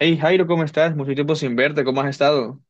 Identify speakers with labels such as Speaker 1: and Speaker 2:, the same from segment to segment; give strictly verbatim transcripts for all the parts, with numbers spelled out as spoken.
Speaker 1: Hey Jairo, ¿cómo estás? Mucho tiempo sin verte, ¿cómo has estado?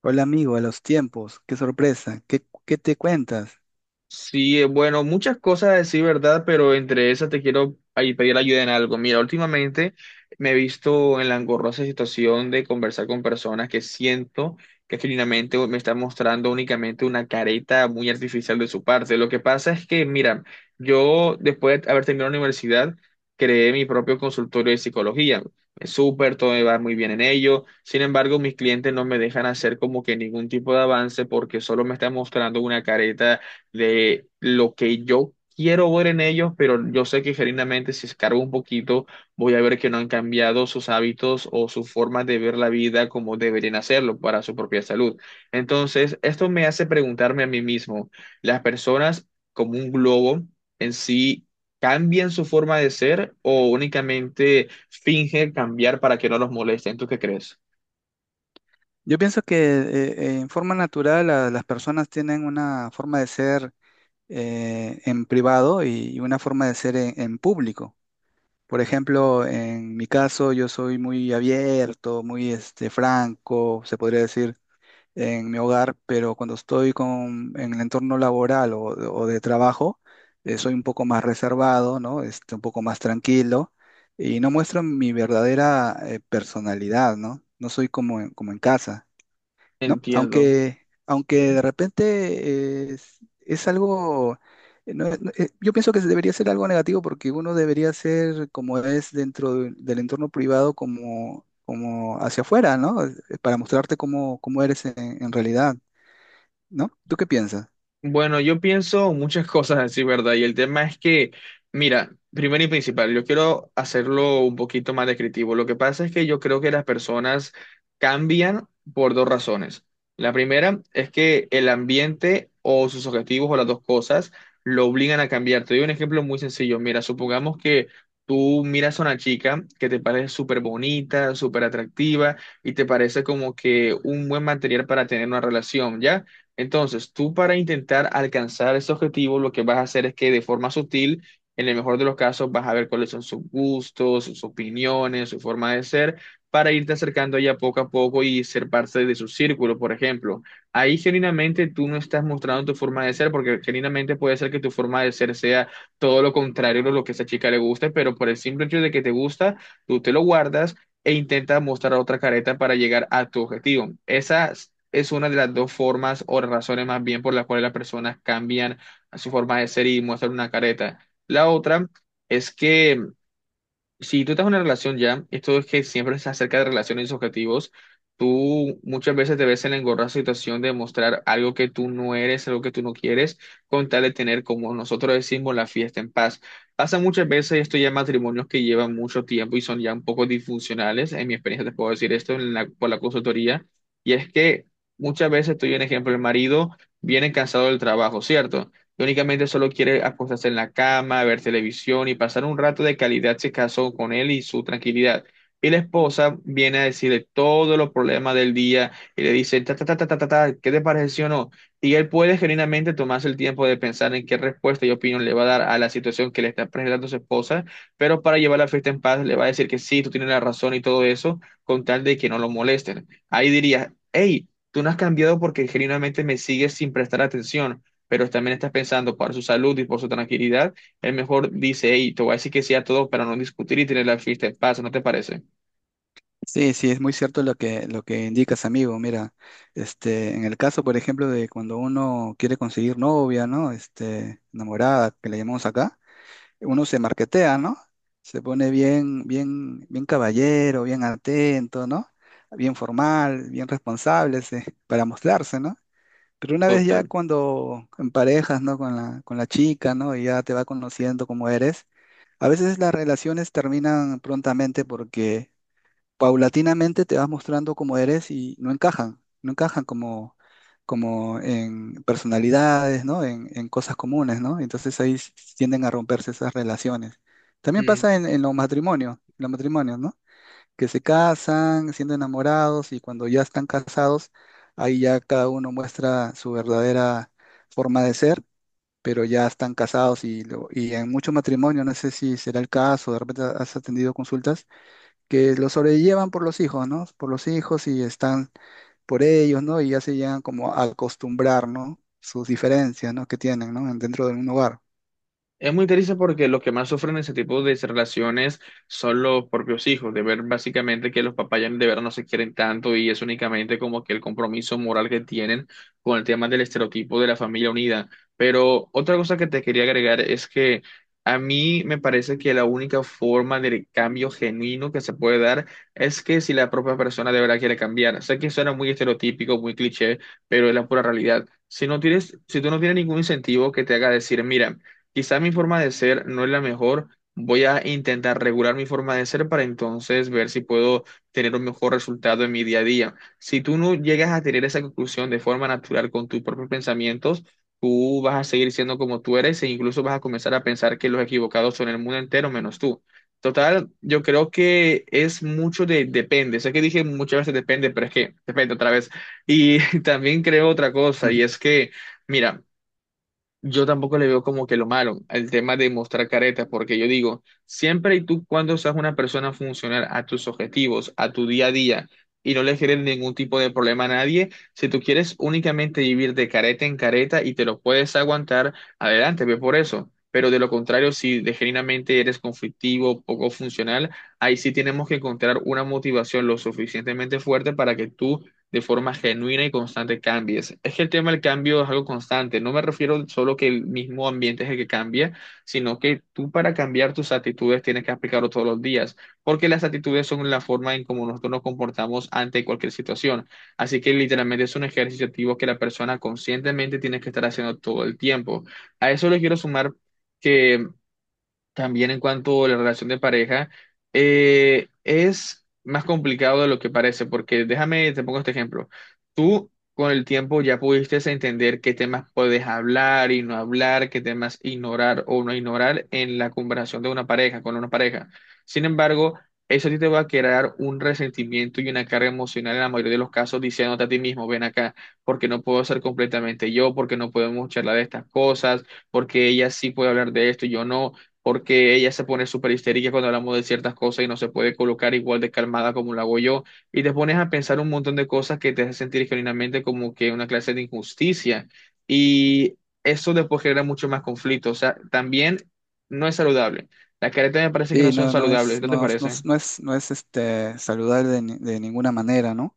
Speaker 2: Hola amigo, a los tiempos, qué sorpresa, qué, qué te cuentas.
Speaker 1: Sí, eh, bueno, muchas cosas a decir, ¿verdad? Pero entre esas te quiero ahí pedir ayuda en algo. Mira, últimamente me he visto en la engorrosa situación de conversar con personas que siento que genuinamente me están mostrando únicamente una careta muy artificial de su parte. Lo que pasa es que, mira, yo después de haber terminado la universidad, creé mi propio consultorio de psicología. Es súper, todo me va muy bien en ello. Sin embargo, mis clientes no me dejan hacer como que ningún tipo de avance porque solo me están mostrando una careta de lo que yo quiero ver en ellos, pero yo sé que genuinamente si escargo un poquito, voy a ver que no han cambiado sus hábitos o su forma de ver la vida como deberían hacerlo para su propia salud. Entonces, esto me hace preguntarme a mí mismo, ¿las personas como un globo en sí cambian su forma de ser o únicamente fingen cambiar para que no los molesten? ¿Tú qué crees?
Speaker 2: Yo pienso que eh, eh, en forma natural la- las personas tienen una forma de ser eh, en privado y, y una forma de ser en, en público. Por ejemplo, en mi caso yo soy muy abierto, muy este, franco, se podría decir, en mi hogar, pero cuando estoy con, en el entorno laboral o, o de trabajo, eh, soy un poco más reservado, ¿no? Este, un poco más tranquilo y no muestro mi verdadera eh, personalidad, ¿no? No soy como, en- como en casa. ¿No?
Speaker 1: Entiendo.
Speaker 2: Aunque, aunque de repente eh, es, es algo, eh, no- no- eh, yo pienso que debería ser algo negativo porque uno debería ser como es dentro de- del entorno privado como, como hacia afuera, ¿no? Eh, para mostrarte cómo, cómo eres en, en realidad, ¿no? ¿Tú qué piensas?
Speaker 1: Bueno, yo pienso muchas cosas así, ¿verdad? Y el tema es que, mira, primero y principal, yo quiero hacerlo un poquito más descriptivo. Lo que pasa es que yo creo que las personas cambian por dos razones. La primera es que el ambiente o sus objetivos o las dos cosas lo obligan a cambiar. Te doy un ejemplo muy sencillo. Mira, supongamos que tú miras a una chica que te parece súper bonita, súper atractiva y te parece como que un buen material para tener una relación, ¿ya? Entonces, tú para intentar alcanzar ese objetivo, lo que vas a hacer es que de forma sutil, en el mejor de los casos, vas a ver cuáles son sus gustos, sus opiniones, su forma de ser, para irte acercando ya poco a poco y ser parte de su círculo, por ejemplo. Ahí genuinamente tú no estás mostrando tu forma de ser, porque genuinamente puede ser que tu forma de ser sea todo lo contrario de lo que a esa chica le gusta, pero por el simple hecho de que te gusta, tú te lo guardas e intenta mostrar otra careta para llegar a tu objetivo. Esa es una de las dos formas o razones más bien por las cuales las personas cambian su forma de ser y muestran una careta. La otra es que si tú estás en una relación ya, esto es que siempre es acerca de relaciones y objetivos, tú muchas veces te ves en la engorrosa situación de mostrar algo que tú no eres, algo que tú no quieres, con tal de tener, como nosotros decimos, la fiesta en paz. Pasa muchas veces esto ya en matrimonios que llevan mucho tiempo y son ya un poco disfuncionales, en mi experiencia te puedo decir esto en la- por la consultoría, y es que muchas veces, estoy un ejemplo, el marido viene cansado del trabajo, ¿cierto? Y únicamente solo quiere acostarse en la cama, ver televisión y pasar un rato de calidad si casó con él y su tranquilidad. Y la esposa viene a decirle todos los problemas del día y le dice, ta, ta, ta, ta, ta, ta, ta, ¿qué te pareció o no? Y él puede genuinamente tomarse el tiempo de pensar en qué respuesta y opinión le va a dar a la situación que le está presentando su esposa, pero para llevar la fiesta en paz le va a decir que sí, tú tienes la razón y todo eso, con tal de que no lo molesten. Ahí diría, hey, tú no has cambiado porque genuinamente me sigues sin prestar atención, pero también estás pensando por su salud y por su tranquilidad, él mejor dice, hey, te voy a decir que sí a todo para no discutir y tener la fiesta en paz, ¿no te parece?
Speaker 2: Sí, sí, es muy cierto lo que, lo que indicas, amigo. Mira, este, en el caso, por ejemplo, de cuando uno quiere conseguir novia, ¿no? Este, enamorada, que le llamamos acá. Uno se marquetea, ¿no? Se pone bien, bien, bien caballero, bien atento, ¿no? Bien formal, bien responsable, sí, para mostrarse, ¿no? Pero una vez ya
Speaker 1: Total.
Speaker 2: cuando en parejas, ¿no? Con la, con la chica, ¿no? Y ya te va conociendo cómo eres, a veces las relaciones terminan prontamente porque paulatinamente te vas mostrando como eres y no encajan, no encajan como, como en personalidades, ¿no? En, en cosas comunes, ¿no? Entonces ahí s- tienden a romperse esas relaciones. También pasa en, en los matrimonios, los matrimonios, ¿no? Que se casan siendo enamorados y cuando ya están casados, ahí ya cada uno muestra su verdadera forma de ser, pero ya están casados y, lo- y en muchos matrimonios, no sé si será el caso, de repente has atendido consultas, que lo sobrellevan por los hijos, ¿no? Por los hijos y están por ellos, ¿no? Y ya se llegan como a acostumbrar, ¿no? Sus diferencias, ¿no? Que tienen, ¿no? Dentro de un hogar.
Speaker 1: Es muy triste porque los que más sufren ese tipo de relaciones son los propios hijos, de ver básicamente que los papás ya de verdad no se quieren tanto y es únicamente como que el compromiso moral que tienen con el tema del estereotipo de la familia unida. Pero otra cosa que te quería agregar es que a mí me parece que la única forma del cambio genuino que se puede dar es que si la propia persona de verdad quiere cambiar. Sé que suena muy estereotípico, muy cliché, pero es la pura realidad. Si no tienes, si tú no tienes ningún incentivo que te haga decir, mira, quizá mi forma de ser no es la mejor. Voy a intentar regular mi forma de ser para entonces ver si puedo tener un mejor resultado en mi día a día. Si tú no llegas a tener esa conclusión de forma natural con tus propios pensamientos, tú vas a seguir siendo como tú eres e incluso vas a comenzar a pensar que los equivocados son el mundo entero menos tú. Total, yo creo que es mucho de depende. Sé que dije muchas veces depende, pero es que depende otra vez. Y también creo otra cosa
Speaker 2: Ujú.
Speaker 1: y es que, mira. Yo tampoco le veo como que lo malo al tema de mostrar caretas, porque yo digo, siempre y tú cuando seas una persona funcional a tus objetivos, a tu día a día, y no le generes ningún tipo de problema a nadie, si tú quieres únicamente vivir de careta en careta y te lo puedes aguantar, adelante, ve por eso. Pero de lo contrario, si de genuinamente eres conflictivo, poco funcional, ahí sí tenemos que encontrar una motivación lo suficientemente fuerte para que tú de forma genuina y constante cambies. Es que el tema del cambio es algo constante. No me refiero solo que el mismo ambiente es el que cambia, sino que tú para cambiar tus actitudes tienes que aplicarlo todos los días, porque las actitudes son la forma en cómo nosotros nos comportamos ante cualquier situación. Así que literalmente es un ejercicio activo que la persona conscientemente tiene que estar haciendo todo el tiempo. A eso le quiero sumar que también en cuanto a la relación de pareja, eh, es más complicado de lo que parece, porque déjame, te pongo este ejemplo. Tú con el tiempo ya pudiste entender qué temas puedes hablar y no hablar, qué temas ignorar o no ignorar en la conversación de una pareja, con una pareja. Sin embargo, eso a ti te va a crear un resentimiento y una carga emocional en la mayoría de los casos, diciéndote a ti mismo, ven acá, porque no puedo ser completamente yo, porque no podemos charlar de estas cosas, porque ella sí puede hablar de esto y yo no, porque ella se pone súper histérica cuando hablamos de ciertas cosas y no se puede colocar igual de calmada como lo hago yo, y te pones a pensar un montón de cosas que te hacen sentir genuinamente como que una clase de injusticia, y eso después genera mucho más conflicto, o sea, también no es saludable. Las caretas me parece que no
Speaker 2: Sí,
Speaker 1: son
Speaker 2: no, no es,
Speaker 1: saludables, ¿no te
Speaker 2: no, es- no,
Speaker 1: parece?
Speaker 2: es, no es no es, este, saludable de, ni- de ninguna manera, ¿no?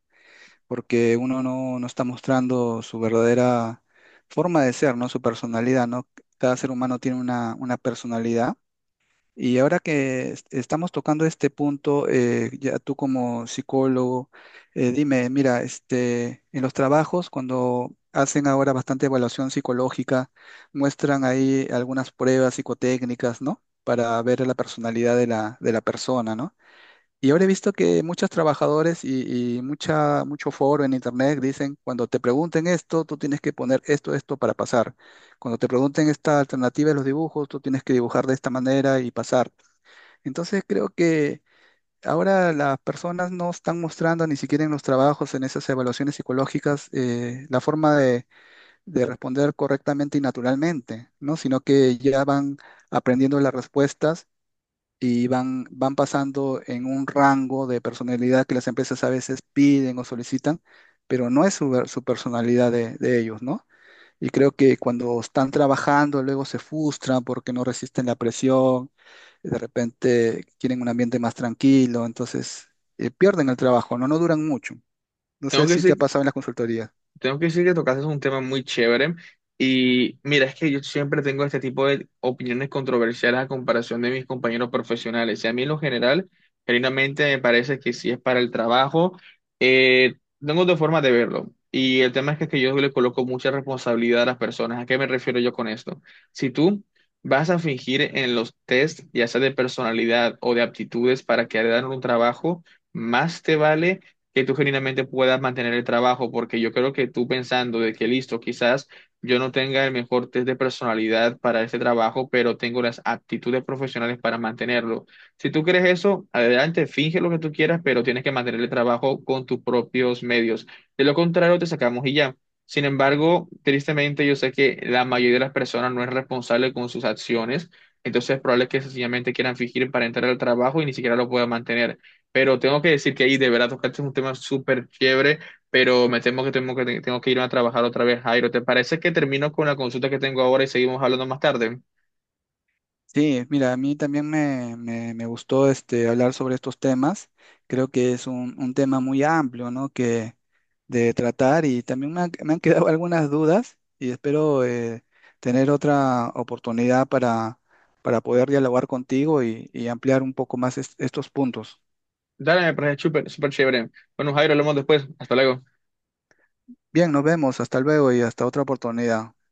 Speaker 2: Porque uno no, no está mostrando su verdadera forma de ser, ¿no? Su personalidad, ¿no? Cada ser humano tiene una, una personalidad. Y ahora que est- estamos tocando este punto, eh, ya tú como psicólogo, eh, dime, mira, este, en los trabajos, cuando hacen ahora bastante evaluación psicológica, muestran ahí algunas pruebas psicotécnicas, ¿no? Para ver la personalidad de la, de la persona, ¿no? Y ahora he visto que muchos trabajadores y, y mucha, mucho foro en internet dicen, cuando te pregunten esto, tú tienes que poner esto, esto para pasar. Cuando te pregunten esta alternativa de los dibujos, tú tienes que dibujar de esta manera y pasar. Entonces creo que ahora las personas no están mostrando ni siquiera en los trabajos, en esas evaluaciones psicológicas, eh, la forma de, de responder correctamente y naturalmente, ¿no? Sino que ya van aprendiendo las respuestas y van, van pasando en un rango de personalidad que las empresas a veces piden o solicitan, pero no es su, su personalidad de, de ellos, ¿no? Y creo que cuando están trabajando, luego se frustran porque no resisten la presión, de repente quieren un ambiente más tranquilo, entonces eh, pierden el trabajo, ¿no? No duran mucho. No sé
Speaker 1: Tengo que
Speaker 2: si te ha
Speaker 1: decir
Speaker 2: pasado en las consultorías.
Speaker 1: Tengo que decir que tocaste un tema muy chévere y mira, es que yo siempre tengo este tipo de opiniones controversiales a comparación de mis compañeros profesionales. Y a mí en lo general, genuinamente me parece que si es para el trabajo, eh, tengo dos formas de verlo. Y el tema es que, que yo le coloco mucha responsabilidad a las personas. ¿A qué me refiero yo con esto? Si tú vas a fingir en los test, ya sea de personalidad o de aptitudes para que hagan un trabajo, más te vale que tú genuinamente puedas mantener el trabajo, porque yo creo que tú pensando de que listo, quizás yo no tenga el mejor test de personalidad para este trabajo, pero tengo las aptitudes profesionales para mantenerlo. Si tú crees eso, adelante, finge lo que tú quieras, pero tienes que mantener el trabajo con tus propios medios. De lo contrario, te sacamos y ya. Sin embargo, tristemente yo sé que la mayoría de las personas no es responsable con sus acciones, entonces es probable que sencillamente quieran fingir para entrar al trabajo y ni siquiera lo puedan mantener. Pero tengo que decir que ahí de verdad tocaste un tema súper chévere, pero me temo que tengo que tengo que irme a trabajar otra vez, Jairo. ¿Te parece que termino con la consulta que tengo ahora y seguimos hablando más tarde?
Speaker 2: Sí, mira, a mí también me, me- me gustó este, hablar sobre estos temas. Creo que es un, un tema muy amplio, ¿no? Que de tratar y también me han, me han quedado algunas dudas y espero eh, tener otra oportunidad para, para poder dialogar contigo y, y ampliar un poco más est- estos puntos.
Speaker 1: Dale, me parece súper súper chévere. Bueno, Jairo, hablamos después. Hasta luego.
Speaker 2: Bien, nos vemos, hasta luego y hasta otra oportunidad.